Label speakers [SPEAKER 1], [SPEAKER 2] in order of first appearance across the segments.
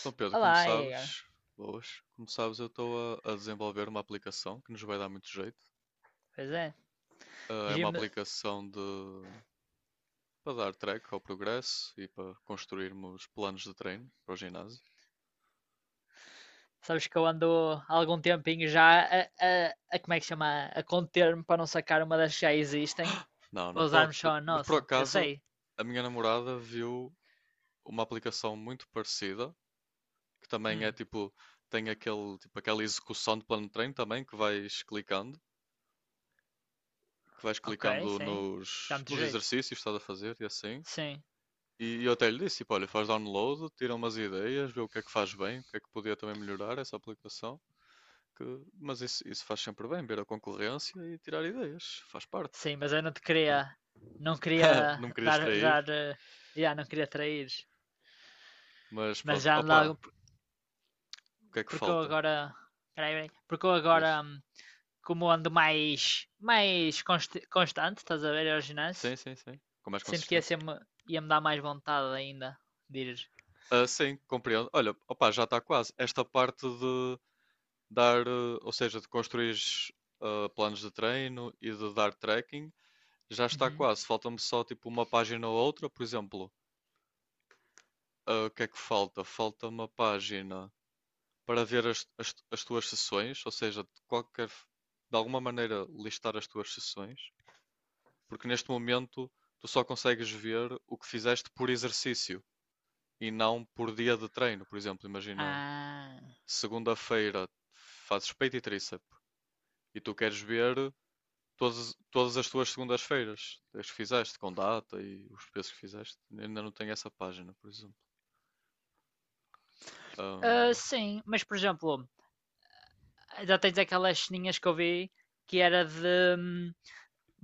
[SPEAKER 1] Então, Pedro, como
[SPEAKER 2] Olá, Igor.
[SPEAKER 1] sabes, boas, como sabes, eu estou a desenvolver uma aplicação que nos vai dar muito jeito.
[SPEAKER 2] Pois é.
[SPEAKER 1] É uma
[SPEAKER 2] Jim,
[SPEAKER 1] aplicação de para dar track ao progresso e para construirmos planos de treino para o ginásio.
[SPEAKER 2] sabes que eu ando há algum tempinho já a como é que chama? A conter-me para não sacar uma das que já existem,
[SPEAKER 1] Não,
[SPEAKER 2] para
[SPEAKER 1] não pode.
[SPEAKER 2] usarmos só a
[SPEAKER 1] Mas por
[SPEAKER 2] nossa. Eu
[SPEAKER 1] acaso,
[SPEAKER 2] sei.
[SPEAKER 1] a minha namorada viu uma aplicação muito parecida, que também é
[SPEAKER 2] Hum,
[SPEAKER 1] tipo, tem aquele, tipo, aquela execução de plano de treino também, que vais
[SPEAKER 2] ok,
[SPEAKER 1] clicando
[SPEAKER 2] sim. Dá
[SPEAKER 1] nos,
[SPEAKER 2] muito
[SPEAKER 1] nos
[SPEAKER 2] jeito.
[SPEAKER 1] exercícios que estás a fazer e assim.
[SPEAKER 2] Sim,
[SPEAKER 1] E eu até lhe disse, tipo, olha, faz download, tira umas ideias, vê o que é que faz bem, o que é que podia também melhorar essa aplicação. que- Mas isso faz sempre bem, ver a concorrência e tirar ideias, faz parte.
[SPEAKER 2] sim, mas eu não te queria, não queria
[SPEAKER 1] Não me queria extrair,
[SPEAKER 2] já não queria trair.
[SPEAKER 1] mas
[SPEAKER 2] Mas
[SPEAKER 1] pronto.
[SPEAKER 2] já ando há
[SPEAKER 1] Opa, o que é que
[SPEAKER 2] porque eu
[SPEAKER 1] falta?
[SPEAKER 2] agora, peraí, peraí. Porque eu
[SPEAKER 1] Diz.
[SPEAKER 2] agora, como ando mais constante, estás a ver, ao
[SPEAKER 1] Sim,
[SPEAKER 2] ginásio.
[SPEAKER 1] sim, sim. Com mais
[SPEAKER 2] Sinto que ia
[SPEAKER 1] consistência.
[SPEAKER 2] ser-me. Ia-me dar mais vontade ainda de ir.
[SPEAKER 1] Ah, sim, compreendo. Olha, opa, já está quase. Esta parte de dar, ou seja, de construir planos de treino e de dar tracking, já está
[SPEAKER 2] Uhum.
[SPEAKER 1] quase. Falta-me só tipo uma página ou outra, por exemplo. Ah, o que é que falta? Falta uma página para ver as tuas sessões, ou seja, de qualquer, de alguma maneira listar as tuas sessões, porque neste momento tu só consegues ver o que fizeste por exercício e não por dia de treino. Por exemplo, imagina
[SPEAKER 2] Ah.
[SPEAKER 1] segunda-feira fazes peito e tríceps e tu queres ver todas as tuas segundas-feiras, as que fizeste, com data e os pesos que fizeste. Ainda não tenho essa página, por exemplo.
[SPEAKER 2] Ah,
[SPEAKER 1] Ahm,
[SPEAKER 2] sim, mas por exemplo, já tens aquelas ceninhas que eu vi que era de hum,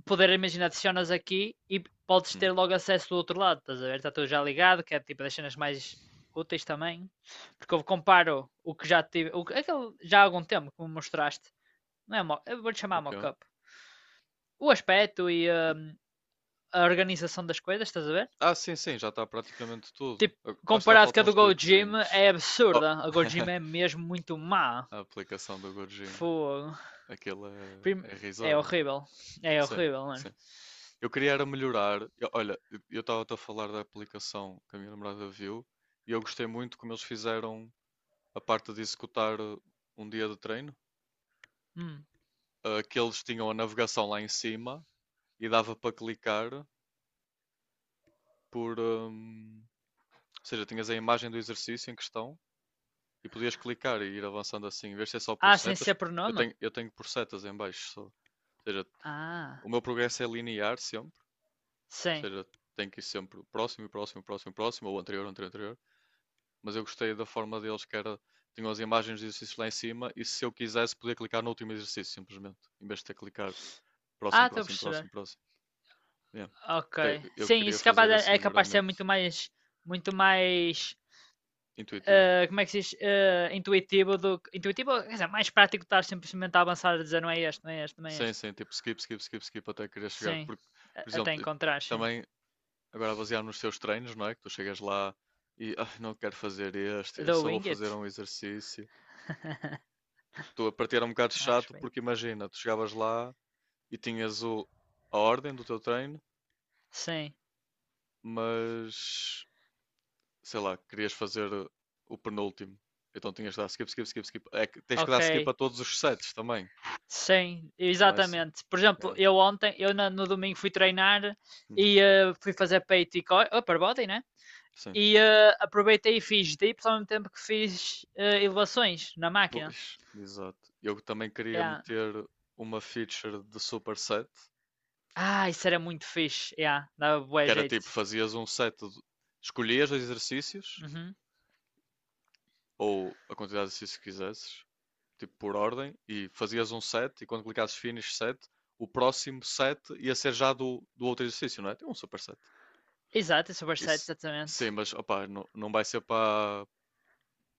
[SPEAKER 2] poder, imaginar adicionas aqui e podes
[SPEAKER 1] hum,
[SPEAKER 2] ter logo acesso do outro lado, estás a ver? Está tudo já ligado, que é tipo das cenas mais úteis também. Porque eu comparo o que já tive, aquele, já há algum tempo que me mostraste, não é? Eu vou-te
[SPEAKER 1] o
[SPEAKER 2] chamar
[SPEAKER 1] quê?
[SPEAKER 2] mock-up. O aspecto e a organização das coisas, estás a ver?
[SPEAKER 1] Ah, sim, sim, já está praticamente tudo.
[SPEAKER 2] Tipo,
[SPEAKER 1] Ah, lá está,
[SPEAKER 2] comparado com a
[SPEAKER 1] faltam uns
[SPEAKER 2] do Gojima,
[SPEAKER 1] tweakzinhos.
[SPEAKER 2] é
[SPEAKER 1] Oh,
[SPEAKER 2] absurda. A Gojima é mesmo muito má.
[SPEAKER 1] a aplicação do GoGym.
[SPEAKER 2] Fogo.
[SPEAKER 1] Aquilo é,
[SPEAKER 2] Prim-
[SPEAKER 1] é
[SPEAKER 2] É
[SPEAKER 1] irrisório.
[SPEAKER 2] horrível. É
[SPEAKER 1] Sim,
[SPEAKER 2] horrível, mano.
[SPEAKER 1] sim. Eu queria era melhorar. Olha, eu estava a falar da aplicação que a minha namorada viu e eu gostei muito como eles fizeram a parte de executar um dia de treino.
[SPEAKER 2] Hum.
[SPEAKER 1] Ah, que eles tinham a navegação lá em cima e dava para clicar por. Ou seja, tinhas a imagem do exercício em questão. E podias clicar e ir avançando assim, em vez de ser só por
[SPEAKER 2] Ah, sem
[SPEAKER 1] setas,
[SPEAKER 2] ser
[SPEAKER 1] eu
[SPEAKER 2] pronome?
[SPEAKER 1] tenho, eu tenho por setas em baixo só. Ou seja, o
[SPEAKER 2] Ah,
[SPEAKER 1] meu progresso é linear sempre, ou
[SPEAKER 2] sim.
[SPEAKER 1] seja, tem que ir sempre próximo, próximo, próximo, próximo, ou anterior, anterior, anterior. Mas eu gostei da forma deles que era, tinham as imagens de exercícios lá em cima e se eu quisesse podia clicar no último exercício simplesmente, em vez de ter que clicar próximo,
[SPEAKER 2] Ah, estou a
[SPEAKER 1] próximo, próximo,
[SPEAKER 2] perceber.
[SPEAKER 1] próximo. Yeah.
[SPEAKER 2] Ok.
[SPEAKER 1] Então, eu
[SPEAKER 2] Sim,
[SPEAKER 1] queria
[SPEAKER 2] isso
[SPEAKER 1] fazer esse
[SPEAKER 2] é capaz de ser muito
[SPEAKER 1] melhoramento
[SPEAKER 2] mais. Muito mais.
[SPEAKER 1] intuitivo,
[SPEAKER 2] Ah, como é que se diz? Ah, intuitivo do Intuitivo, quer dizer, mais prático estar simplesmente a avançar a dizer não é este, não é este, não é
[SPEAKER 1] sem,
[SPEAKER 2] este.
[SPEAKER 1] sem tipo skip, skip, skip, skip até querer chegar.
[SPEAKER 2] Sim.
[SPEAKER 1] Porque, por
[SPEAKER 2] Até
[SPEAKER 1] exemplo,
[SPEAKER 2] encontrar, sim.
[SPEAKER 1] também agora baseado nos teus treinos, não é? Que tu chegas lá e "Ah, não quero fazer este, eu
[SPEAKER 2] The
[SPEAKER 1] só vou
[SPEAKER 2] Wing
[SPEAKER 1] fazer
[SPEAKER 2] It.
[SPEAKER 1] um exercício." Tu a partir era um bocado
[SPEAKER 2] A
[SPEAKER 1] chato porque
[SPEAKER 2] respeito.
[SPEAKER 1] imagina, tu chegavas lá e tinhas o, a ordem do teu treino,
[SPEAKER 2] Sim.
[SPEAKER 1] mas sei lá, querias fazer o penúltimo. Então tinhas de dar skip, skip, skip, skip. É que tens que
[SPEAKER 2] Ok.
[SPEAKER 1] dar skip a todos os sets também,
[SPEAKER 2] Sim,
[SPEAKER 1] não é isso?
[SPEAKER 2] exatamente. Por exemplo,
[SPEAKER 1] É.
[SPEAKER 2] eu ontem, no domingo fui treinar
[SPEAKER 1] Uhum.
[SPEAKER 2] e fui fazer peito e oh, upper body, né?
[SPEAKER 1] Sim.
[SPEAKER 2] E aproveitei e fiz dips ao mesmo tempo que fiz elevações na máquina.
[SPEAKER 1] Pois, exato. Eu também queria
[SPEAKER 2] Yeah.
[SPEAKER 1] meter uma feature de superset.
[SPEAKER 2] Ah, isso era muito fixe. Yeah, dava
[SPEAKER 1] Que
[SPEAKER 2] bué
[SPEAKER 1] era
[SPEAKER 2] jeito.
[SPEAKER 1] tipo, fazias um set, escolhias os exercícios,
[SPEAKER 2] Uhum.
[SPEAKER 1] ou a quantidade de exercícios que quisesses, tipo por ordem, e fazias um set, e quando clicasses finish set, o próximo set ia ser já do outro exercício, não é? Tem um super set.
[SPEAKER 2] Exato, é super set,
[SPEAKER 1] Isso,
[SPEAKER 2] exatamente.
[SPEAKER 1] sim, mas opá, não, não vai ser para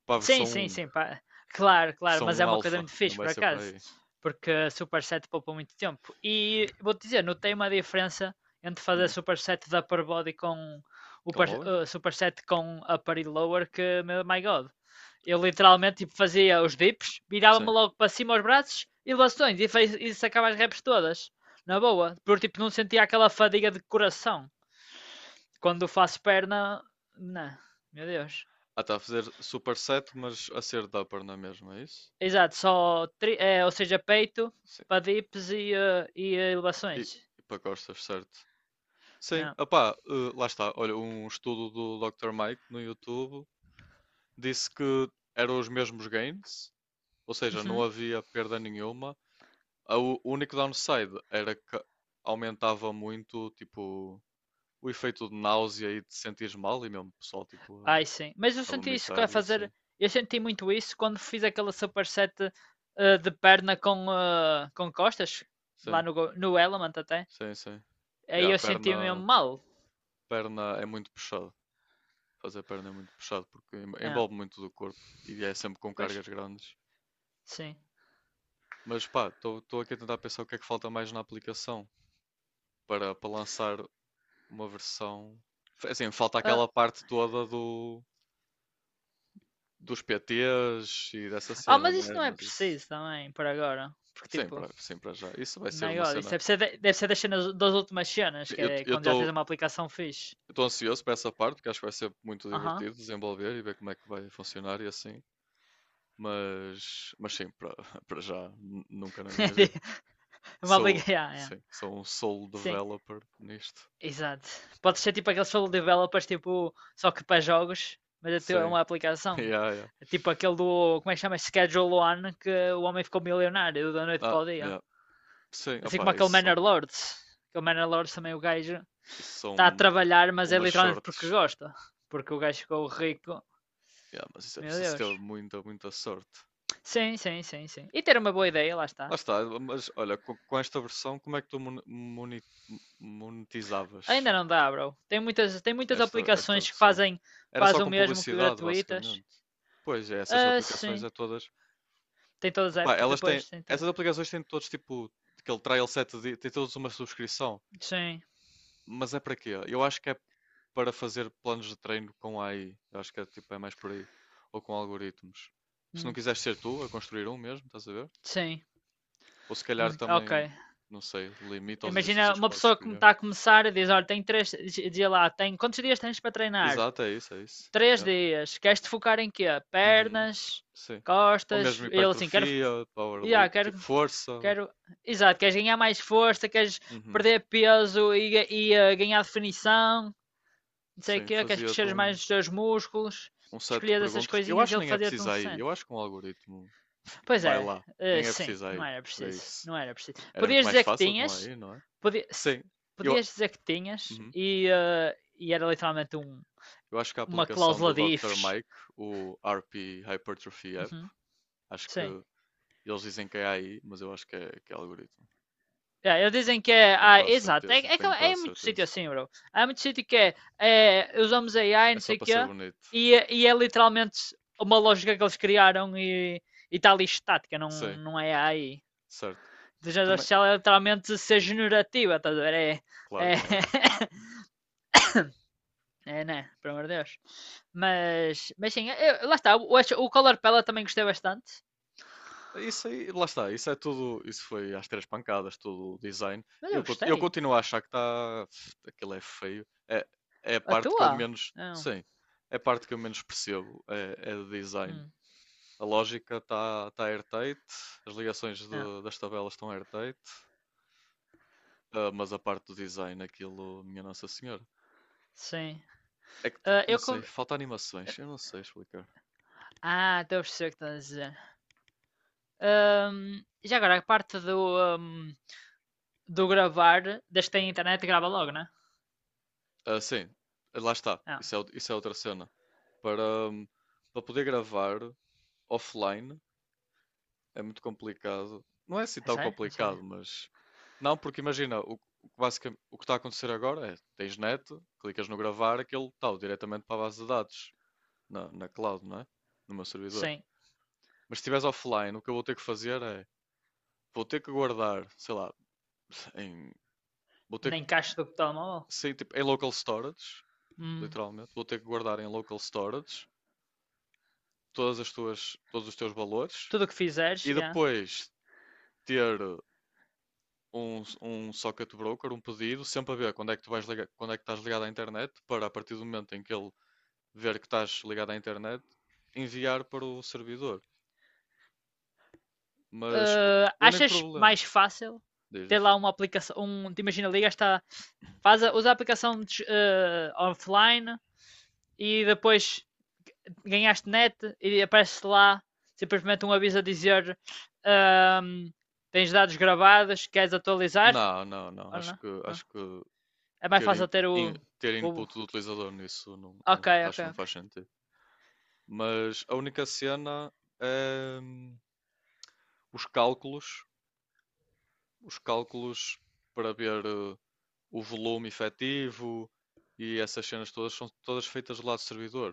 [SPEAKER 1] para a
[SPEAKER 2] Sim, sim, sim, pá. Claro, claro,
[SPEAKER 1] versão
[SPEAKER 2] mas é
[SPEAKER 1] um
[SPEAKER 2] uma coisa
[SPEAKER 1] alfa,
[SPEAKER 2] muito
[SPEAKER 1] não
[SPEAKER 2] fixe,
[SPEAKER 1] vai
[SPEAKER 2] por
[SPEAKER 1] ser para
[SPEAKER 2] acaso,
[SPEAKER 1] aí.
[SPEAKER 2] porque a superset poupa muito tempo. E vou-te dizer, notei uma diferença entre fazer
[SPEAKER 1] Hum,
[SPEAKER 2] superset da upper body com
[SPEAKER 1] com lower?
[SPEAKER 2] superset com upper e lower que, meu, my God. Eu literalmente tipo, fazia os dips, virava-me
[SPEAKER 1] Sim.
[SPEAKER 2] logo para cima aos braços e bastões e sacava as reps todas, na boa. Porque tipo, não sentia aquela fadiga de coração. Quando faço perna, não, meu Deus.
[SPEAKER 1] Ah, está a fazer super set, mas a ser de upper, não é mesmo? É isso?
[SPEAKER 2] Exato, é, ou seja, peito,
[SPEAKER 1] Sim.
[SPEAKER 2] quadríceps e
[SPEAKER 1] E,
[SPEAKER 2] elevações.
[SPEAKER 1] e para costas, certo. Sim,
[SPEAKER 2] Ah,
[SPEAKER 1] opá, lá está. Olha, um estudo do Dr. Mike no YouTube disse que eram os mesmos gains, ou seja, não
[SPEAKER 2] uhum.
[SPEAKER 1] havia perda nenhuma. O único downside era que aumentava muito, tipo, o efeito de náusea e de sentir mal, e mesmo pessoal, tipo,
[SPEAKER 2] Ai, sim. Mas eu
[SPEAKER 1] a
[SPEAKER 2] senti isso que
[SPEAKER 1] vomitar
[SPEAKER 2] a
[SPEAKER 1] e assim.
[SPEAKER 2] fazer. Eu senti muito isso quando fiz aquela superset de perna com, com costas, lá
[SPEAKER 1] Sim,
[SPEAKER 2] no Element até.
[SPEAKER 1] sim, sim. E
[SPEAKER 2] Aí
[SPEAKER 1] a
[SPEAKER 2] eu senti
[SPEAKER 1] perna,
[SPEAKER 2] mesmo mal.
[SPEAKER 1] perna é muito puxado. Fazer perna é muito puxado porque
[SPEAKER 2] Ah,
[SPEAKER 1] envolve muito do corpo e é sempre com
[SPEAKER 2] pois,
[SPEAKER 1] cargas grandes.
[SPEAKER 2] sim.
[SPEAKER 1] Mas pá, estou aqui a tentar pensar o que é que falta mais na aplicação para, para lançar uma versão. Assim, falta
[SPEAKER 2] Ah,
[SPEAKER 1] aquela parte toda do, dos PTs e dessa
[SPEAKER 2] ah,
[SPEAKER 1] cena,
[SPEAKER 2] mas
[SPEAKER 1] não
[SPEAKER 2] isso
[SPEAKER 1] é?
[SPEAKER 2] não é
[SPEAKER 1] Mas isso,
[SPEAKER 2] preciso também, por agora. Porque,
[SPEAKER 1] sim,
[SPEAKER 2] tipo,
[SPEAKER 1] para, sim, para já. Isso vai ser
[SPEAKER 2] my
[SPEAKER 1] uma
[SPEAKER 2] God, isso
[SPEAKER 1] cena.
[SPEAKER 2] deve ser, deve ser das cenas, das últimas cenas,
[SPEAKER 1] Sim,
[SPEAKER 2] que
[SPEAKER 1] Eu
[SPEAKER 2] é
[SPEAKER 1] eu
[SPEAKER 2] quando já tens
[SPEAKER 1] estou
[SPEAKER 2] uma aplicação fixe.
[SPEAKER 1] estou ansioso para essa parte, porque acho que vai ser muito
[SPEAKER 2] Aham.
[SPEAKER 1] divertido desenvolver e ver como é que vai funcionar e assim. Mas sim, para, para já, nunca na minha vida.
[SPEAKER 2] Uma
[SPEAKER 1] Sou,
[SPEAKER 2] aplicação. Yeah, yeah.
[SPEAKER 1] sim, sou um solo
[SPEAKER 2] Sim,
[SPEAKER 1] developer nisto.
[SPEAKER 2] exato. Pode ser tipo aqueles solo developers, tipo, só que para jogos, mas é
[SPEAKER 1] Sim,
[SPEAKER 2] uma aplicação.
[SPEAKER 1] yeah, yeah.
[SPEAKER 2] Tipo aquele do, como é que chama? Schedule One, que o homem ficou milionário da noite para
[SPEAKER 1] Ah,
[SPEAKER 2] o dia.
[SPEAKER 1] yeah. Sim,
[SPEAKER 2] Assim como
[SPEAKER 1] opá,
[SPEAKER 2] aquele Manor Lords. Aquele Manor Lords também o gajo
[SPEAKER 1] isso
[SPEAKER 2] está a
[SPEAKER 1] são
[SPEAKER 2] trabalhar, mas é
[SPEAKER 1] umas
[SPEAKER 2] literalmente porque
[SPEAKER 1] sortes.
[SPEAKER 2] gosta. Porque o gajo ficou rico.
[SPEAKER 1] Yeah, mas isso é
[SPEAKER 2] Meu
[SPEAKER 1] preciso
[SPEAKER 2] Deus.
[SPEAKER 1] ter muita, muita sorte.
[SPEAKER 2] Sim, sim, sim, sim. E ter uma boa ideia, lá
[SPEAKER 1] Lá
[SPEAKER 2] está.
[SPEAKER 1] está, mas olha, com esta versão, como é que tu monetizavas
[SPEAKER 2] Ainda não dá, bro. Tem muitas
[SPEAKER 1] esta
[SPEAKER 2] aplicações que
[SPEAKER 1] versão?
[SPEAKER 2] fazem
[SPEAKER 1] Era só
[SPEAKER 2] quase o
[SPEAKER 1] com
[SPEAKER 2] mesmo que
[SPEAKER 1] publicidade,
[SPEAKER 2] gratuitas.
[SPEAKER 1] basicamente. Pois é, essas
[SPEAKER 2] Ah,
[SPEAKER 1] aplicações
[SPEAKER 2] sim.
[SPEAKER 1] é todas.
[SPEAKER 2] Tem todas as
[SPEAKER 1] Epá,
[SPEAKER 2] apps?
[SPEAKER 1] elas têm.
[SPEAKER 2] Pois, tem todas.
[SPEAKER 1] Essas aplicações têm todos tipo aquele trial set de, têm todos uma subscrição.
[SPEAKER 2] Sim.
[SPEAKER 1] Mas é para quê? Eu acho que é para fazer planos de treino com AI. Eu acho que é, tipo, é mais por aí. Ou com algoritmos. Se não
[SPEAKER 2] Hum,
[SPEAKER 1] quiseres ser tu a construir um mesmo, estás a ver?
[SPEAKER 2] sim.
[SPEAKER 1] Ou se calhar
[SPEAKER 2] Ok.
[SPEAKER 1] também, não sei, limita os
[SPEAKER 2] Imagina
[SPEAKER 1] exercícios que
[SPEAKER 2] uma
[SPEAKER 1] podes
[SPEAKER 2] pessoa que
[SPEAKER 1] escolher.
[SPEAKER 2] está a começar e diz: Olha, tem quantos dias tens para treinar?
[SPEAKER 1] Exato, é isso, é isso.
[SPEAKER 2] Três
[SPEAKER 1] Yeah.
[SPEAKER 2] dias. Queres te focar em quê?
[SPEAKER 1] Uhum.
[SPEAKER 2] Pernas,
[SPEAKER 1] Sim. Ou
[SPEAKER 2] costas.
[SPEAKER 1] mesmo
[SPEAKER 2] Ele assim, quero.
[SPEAKER 1] hipertrofia,
[SPEAKER 2] Yeah,
[SPEAKER 1] powerlifting, tipo
[SPEAKER 2] quero.
[SPEAKER 1] força.
[SPEAKER 2] Quero. Exato, queres ganhar mais força, queres
[SPEAKER 1] Uhum.
[SPEAKER 2] perder peso e, ganhar definição, não sei o
[SPEAKER 1] Sim,
[SPEAKER 2] quê, queres
[SPEAKER 1] fazia-te
[SPEAKER 2] crescer
[SPEAKER 1] um,
[SPEAKER 2] mais os teus músculos.
[SPEAKER 1] um set de
[SPEAKER 2] Escolhias essas
[SPEAKER 1] perguntas. Eu
[SPEAKER 2] coisinhas
[SPEAKER 1] acho
[SPEAKER 2] e
[SPEAKER 1] que
[SPEAKER 2] ele
[SPEAKER 1] nem é
[SPEAKER 2] fazia-te um
[SPEAKER 1] preciso aí.
[SPEAKER 2] 60.
[SPEAKER 1] Eu acho que um algoritmo
[SPEAKER 2] Pois
[SPEAKER 1] vai
[SPEAKER 2] é,
[SPEAKER 1] lá. Nem é
[SPEAKER 2] sim,
[SPEAKER 1] preciso
[SPEAKER 2] não
[SPEAKER 1] aí
[SPEAKER 2] era
[SPEAKER 1] para
[SPEAKER 2] preciso,
[SPEAKER 1] isso.
[SPEAKER 2] não era preciso.
[SPEAKER 1] Era muito
[SPEAKER 2] Podias
[SPEAKER 1] mais
[SPEAKER 2] dizer que
[SPEAKER 1] fácil com
[SPEAKER 2] tinhas,
[SPEAKER 1] aí, não é?
[SPEAKER 2] podi- se-
[SPEAKER 1] Sim. Eu...
[SPEAKER 2] podias dizer que tinhas
[SPEAKER 1] Uhum.
[SPEAKER 2] e era literalmente
[SPEAKER 1] Eu acho que a
[SPEAKER 2] uma
[SPEAKER 1] aplicação
[SPEAKER 2] cláusula
[SPEAKER 1] do
[SPEAKER 2] de
[SPEAKER 1] Dr.
[SPEAKER 2] ifs.
[SPEAKER 1] Mike, o RP Hypertrophy App,
[SPEAKER 2] Uhum,
[SPEAKER 1] acho que
[SPEAKER 2] sim.
[SPEAKER 1] eles dizem que é AI, mas eu acho que é algoritmo.
[SPEAKER 2] É, eles dizem que é,
[SPEAKER 1] Tenho
[SPEAKER 2] ah,
[SPEAKER 1] quase
[SPEAKER 2] exato,
[SPEAKER 1] certeza,
[SPEAKER 2] que
[SPEAKER 1] tenho
[SPEAKER 2] é
[SPEAKER 1] quase
[SPEAKER 2] muito sítio
[SPEAKER 1] certeza.
[SPEAKER 2] assim, bro. Há muito sítio que usamos AI,
[SPEAKER 1] É
[SPEAKER 2] não
[SPEAKER 1] só
[SPEAKER 2] sei o
[SPEAKER 1] para ser
[SPEAKER 2] quê,
[SPEAKER 1] bonito.
[SPEAKER 2] e, e é literalmente uma lógica que eles criaram e está ali estática, não,
[SPEAKER 1] Sim,
[SPEAKER 2] não é AI.
[SPEAKER 1] certo.
[SPEAKER 2] Inteligência
[SPEAKER 1] Também.
[SPEAKER 2] artificial é literalmente ser
[SPEAKER 1] Uhum,
[SPEAKER 2] generativa, estás a ver?
[SPEAKER 1] claro,
[SPEAKER 2] É,
[SPEAKER 1] claro.
[SPEAKER 2] É, né? Pelo amor de Deus. Mas sim, lá está. O Color Pella também gostei bastante.
[SPEAKER 1] Isso aí, lá está, isso é tudo, isso foi às três pancadas, tudo o design.
[SPEAKER 2] Mas eu
[SPEAKER 1] Eu
[SPEAKER 2] gostei.
[SPEAKER 1] continuo a achar que está, aquilo é feio. É, é a
[SPEAKER 2] A
[SPEAKER 1] parte que eu
[SPEAKER 2] tua?
[SPEAKER 1] menos,
[SPEAKER 2] Não.
[SPEAKER 1] sim, é a parte que eu menos percebo, é, é de design.
[SPEAKER 2] Hum,
[SPEAKER 1] A lógica está tá airtight, as ligações
[SPEAKER 2] não.
[SPEAKER 1] das tabelas estão airtight, ah, mas a parte do design, aquilo, minha Nossa Senhora.
[SPEAKER 2] Sim.
[SPEAKER 1] É que,
[SPEAKER 2] Ah,
[SPEAKER 1] não
[SPEAKER 2] eu.
[SPEAKER 1] sei,
[SPEAKER 2] con-
[SPEAKER 1] falta animações, eu não sei explicar.
[SPEAKER 2] Ah, então eu sei o que estás a dizer. Já agora, a parte do, do gravar, desde que tem internet, grava logo, né?
[SPEAKER 1] Ah, sim, lá está,
[SPEAKER 2] Não.
[SPEAKER 1] isso é, isso é outra cena. Para, para poder gravar offline é muito complicado. Não é assim
[SPEAKER 2] É
[SPEAKER 1] tão
[SPEAKER 2] sério? Não sabia.
[SPEAKER 1] complicado, mas. Não, porque imagina, o que o que está a acontecer agora é: tens net, clicas no gravar, aquilo está diretamente para a base de dados. Na cloud, não é? No meu servidor.
[SPEAKER 2] Sim.
[SPEAKER 1] Mas se estiveres offline, o que eu vou ter que fazer é. Vou ter que guardar, sei lá, em. Vou ter
[SPEAKER 2] Na
[SPEAKER 1] que.
[SPEAKER 2] encaixa do telemóvel.
[SPEAKER 1] Sei, tipo, em local storage,
[SPEAKER 2] Hum.
[SPEAKER 1] literalmente. Vou ter que guardar em local storage todos os teus valores
[SPEAKER 2] Tudo o que fizeres,
[SPEAKER 1] e
[SPEAKER 2] yeah.
[SPEAKER 1] depois ter um, um socket broker, um pedido, sempre a ver quando é que tu vais ligar, quando é que estás ligado à internet, para a partir do momento em que ele ver que estás ligado à internet, enviar para o servidor. Mas o único
[SPEAKER 2] Achas
[SPEAKER 1] problema,
[SPEAKER 2] mais fácil
[SPEAKER 1] diz,
[SPEAKER 2] ter
[SPEAKER 1] diz.
[SPEAKER 2] lá uma aplicação, um, te imagina, ligas, tá, usa a aplicação offline e depois ganhaste net e aparece lá simplesmente um aviso a dizer ahm, tens dados gravados, queres atualizar?
[SPEAKER 1] Não, não, não.
[SPEAKER 2] Ou não? Não.
[SPEAKER 1] Acho que
[SPEAKER 2] É mais
[SPEAKER 1] ter,
[SPEAKER 2] fácil ter
[SPEAKER 1] in- ter
[SPEAKER 2] o.
[SPEAKER 1] input do utilizador nisso
[SPEAKER 2] Ok,
[SPEAKER 1] acho
[SPEAKER 2] ok,
[SPEAKER 1] que não
[SPEAKER 2] ok.
[SPEAKER 1] faz sentido. Mas a única cena é os cálculos, os cálculos para ver o volume efetivo e essas cenas todas são todas feitas do lado do servidor.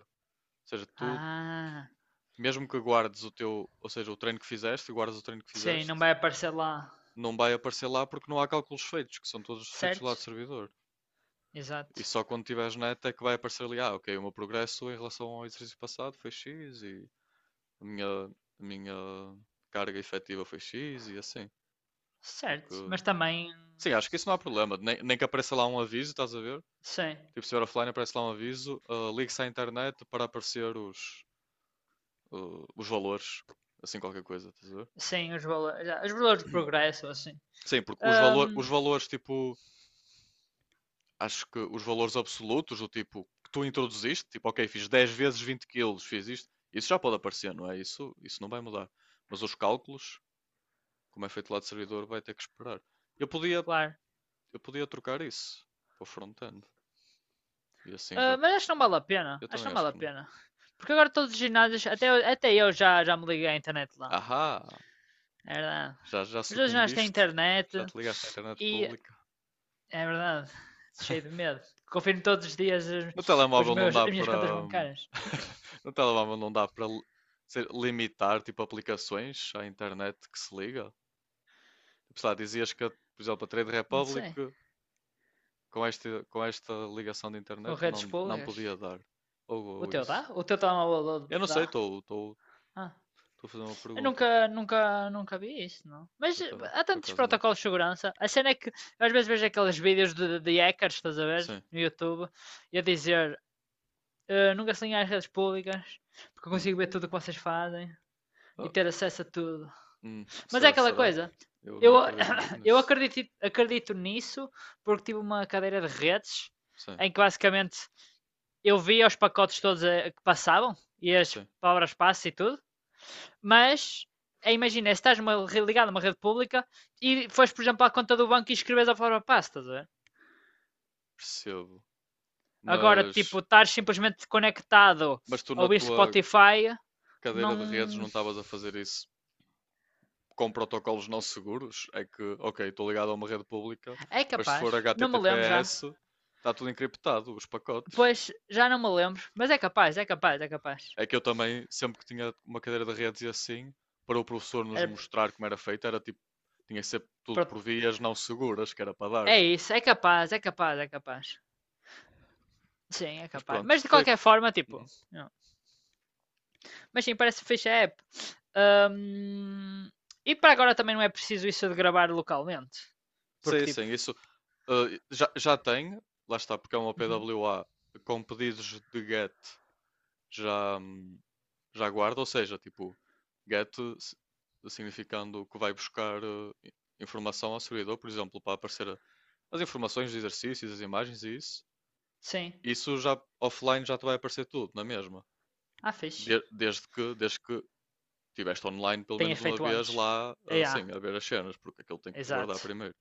[SPEAKER 1] Ou seja, tu,
[SPEAKER 2] Ah,
[SPEAKER 1] mesmo que guardes o teu, ou seja, o treino que fizeste e guardes o treino que
[SPEAKER 2] sim, não
[SPEAKER 1] fizeste,
[SPEAKER 2] vai aparecer lá.
[SPEAKER 1] não vai aparecer lá porque não há cálculos feitos, que são todos feitos do lado do
[SPEAKER 2] Certo?
[SPEAKER 1] servidor.
[SPEAKER 2] Exato.
[SPEAKER 1] E só quando tiveres net é que vai aparecer ali, ah, ok, o meu progresso em relação ao exercício passado foi X e a minha carga efetiva foi X e assim. Porque.
[SPEAKER 2] Certo. Mas também.
[SPEAKER 1] Sim, acho que isso não há problema. Nem, nem que apareça lá um aviso, estás a ver?
[SPEAKER 2] Sim.
[SPEAKER 1] Tipo, se vier offline aparece lá um aviso, ah, ligue-se à internet para aparecer os, ah, os valores, assim qualquer coisa, estás a ver?
[SPEAKER 2] Sim, os valores de progresso, assim.
[SPEAKER 1] Sim, porque os, valor,
[SPEAKER 2] Ahm,
[SPEAKER 1] os valores tipo acho que os valores absolutos, do tipo que tu introduziste, tipo, ok, fiz 10 vezes 20 quilos, fiz isto, isso já pode aparecer, não é? Isso não vai mudar. Mas os cálculos, como é feito lá de servidor, vai ter que esperar. Eu podia,
[SPEAKER 2] Claro.
[SPEAKER 1] eu podia trocar isso para o front-end. E assim já.
[SPEAKER 2] Ah, mas acho que não vale a pena.
[SPEAKER 1] Eu
[SPEAKER 2] Acho que
[SPEAKER 1] também
[SPEAKER 2] não
[SPEAKER 1] acho
[SPEAKER 2] vale a
[SPEAKER 1] que não.
[SPEAKER 2] pena. Porque agora todos os ginásios, até, até eu já me liguei à internet lá.
[SPEAKER 1] Ahá!
[SPEAKER 2] É verdade.
[SPEAKER 1] Já, já
[SPEAKER 2] Mas todos os ginásios têm
[SPEAKER 1] sucumbiste? Já
[SPEAKER 2] internet
[SPEAKER 1] te ligaste à internet
[SPEAKER 2] e
[SPEAKER 1] pública?
[SPEAKER 2] é verdade. Cheio de medo. Confiro todos os dias os,
[SPEAKER 1] No
[SPEAKER 2] os
[SPEAKER 1] telemóvel não
[SPEAKER 2] meus,
[SPEAKER 1] dá
[SPEAKER 2] as minhas
[SPEAKER 1] para.
[SPEAKER 2] contas bancárias.
[SPEAKER 1] No telemóvel não dá para sei, limitar tipo aplicações à internet que se liga? Sei lá, dizias que, por exemplo, a Trade
[SPEAKER 2] Não
[SPEAKER 1] Republic
[SPEAKER 2] sei.
[SPEAKER 1] com esta ligação de
[SPEAKER 2] Com
[SPEAKER 1] internet
[SPEAKER 2] redes
[SPEAKER 1] não, não
[SPEAKER 2] públicas.
[SPEAKER 1] podia dar.
[SPEAKER 2] O
[SPEAKER 1] Ou
[SPEAKER 2] teu dá?
[SPEAKER 1] isso.
[SPEAKER 2] O teu telemóvel
[SPEAKER 1] Eu não
[SPEAKER 2] dá?
[SPEAKER 1] sei,
[SPEAKER 2] Ah.
[SPEAKER 1] estou a fazer uma
[SPEAKER 2] Eu
[SPEAKER 1] pergunta.
[SPEAKER 2] nunca, nunca, nunca vi isso, não. Mas
[SPEAKER 1] Eu também,
[SPEAKER 2] há
[SPEAKER 1] por
[SPEAKER 2] tantos
[SPEAKER 1] acaso não.
[SPEAKER 2] protocolos de segurança. A cena é que eu às vezes vejo aqueles vídeos de hackers, estás a ver?
[SPEAKER 1] Sim.
[SPEAKER 2] No YouTube, e a dizer nunca se liguem às redes públicas, porque eu
[SPEAKER 1] Hum.
[SPEAKER 2] consigo ver tudo o que vocês fazem e
[SPEAKER 1] Ah,
[SPEAKER 2] ter acesso a tudo.
[SPEAKER 1] hum.
[SPEAKER 2] Mas é
[SPEAKER 1] Será,
[SPEAKER 2] aquela
[SPEAKER 1] será?
[SPEAKER 2] coisa.
[SPEAKER 1] Eu não
[SPEAKER 2] Eu,
[SPEAKER 1] acredito muito
[SPEAKER 2] eu
[SPEAKER 1] nisso.
[SPEAKER 2] acredito, acredito nisso porque tive uma cadeira de redes
[SPEAKER 1] Sim,
[SPEAKER 2] em que basicamente eu via os pacotes todos que passavam e as
[SPEAKER 1] sim,
[SPEAKER 2] palavras passe e tudo. Mas, imagina, se estás numa rede ligada a uma rede pública e fores, por exemplo, à conta do banco e escreves a forma passe, estás a ver?
[SPEAKER 1] percebo.
[SPEAKER 2] Agora, tipo,
[SPEAKER 1] Mas,
[SPEAKER 2] estar simplesmente conectado
[SPEAKER 1] mas tu
[SPEAKER 2] a
[SPEAKER 1] na
[SPEAKER 2] ouvir
[SPEAKER 1] tua
[SPEAKER 2] Spotify,
[SPEAKER 1] cadeira de redes
[SPEAKER 2] não.
[SPEAKER 1] não estavas a fazer isso com protocolos não seguros, é que, ok, estou ligado a uma rede pública,
[SPEAKER 2] É
[SPEAKER 1] mas se for
[SPEAKER 2] capaz. Não me lembro já.
[SPEAKER 1] HTTPS, está tudo encriptado, os pacotes.
[SPEAKER 2] Pois, já não me lembro. Mas é capaz, é capaz, é capaz.
[SPEAKER 1] É que eu também, sempre que tinha uma cadeira de redes e assim, para o professor nos
[SPEAKER 2] É,
[SPEAKER 1] mostrar como era feito, era tipo, tinha sempre tudo por vias não seguras, que era para dar.
[SPEAKER 2] é isso, é capaz, é capaz, é capaz. Sim, é
[SPEAKER 1] Mas
[SPEAKER 2] capaz.
[SPEAKER 1] pronto,
[SPEAKER 2] Mas de
[SPEAKER 1] foi que.
[SPEAKER 2] qualquer forma, tipo,
[SPEAKER 1] Uhum.
[SPEAKER 2] não. Mas sim, parece fixe a app. Ahm, e para agora também não é preciso isso de gravar localmente. Porque
[SPEAKER 1] Sim, sim,
[SPEAKER 2] tipo,
[SPEAKER 1] isso já, já tem, lá está, porque é uma
[SPEAKER 2] uhum,
[SPEAKER 1] PWA com pedidos de GET já, já guarda, ou seja, tipo, get s- significando que vai buscar informação ao servidor, por exemplo, para aparecer as informações dos exercícios, as imagens e isso.
[SPEAKER 2] sim,
[SPEAKER 1] Isso já offline já te vai aparecer tudo, na mesma.
[SPEAKER 2] ah, fixe.
[SPEAKER 1] Desde que, desde que tiveste online pelo menos
[SPEAKER 2] Tenhas
[SPEAKER 1] uma
[SPEAKER 2] feito
[SPEAKER 1] vez
[SPEAKER 2] antes.
[SPEAKER 1] lá,
[SPEAKER 2] É, ah, yeah,
[SPEAKER 1] assim, a ver as cenas, porque aquilo tem que guardar
[SPEAKER 2] exato.
[SPEAKER 1] primeiro.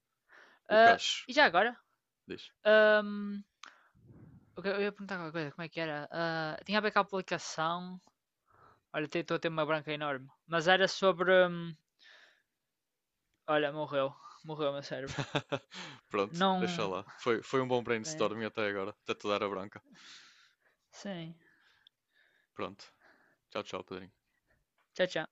[SPEAKER 1] O
[SPEAKER 2] Ah,
[SPEAKER 1] cache,
[SPEAKER 2] e já agora?
[SPEAKER 1] diz.
[SPEAKER 2] ahm, eu ia perguntar alguma coisa, como é que era? Ah, tinha a ver com a aplicação. Olha, estou a ter uma branca enorme. Mas era sobre. Olha, morreu. Morreu o meu cérebro.
[SPEAKER 1] Pronto, deixa
[SPEAKER 2] Não.
[SPEAKER 1] lá. Foi, foi um bom brainstorming até agora, até te dar a branca.
[SPEAKER 2] Sim.
[SPEAKER 1] Pronto. Tchau, tchau, Pedrinho.
[SPEAKER 2] Tchau, tchau.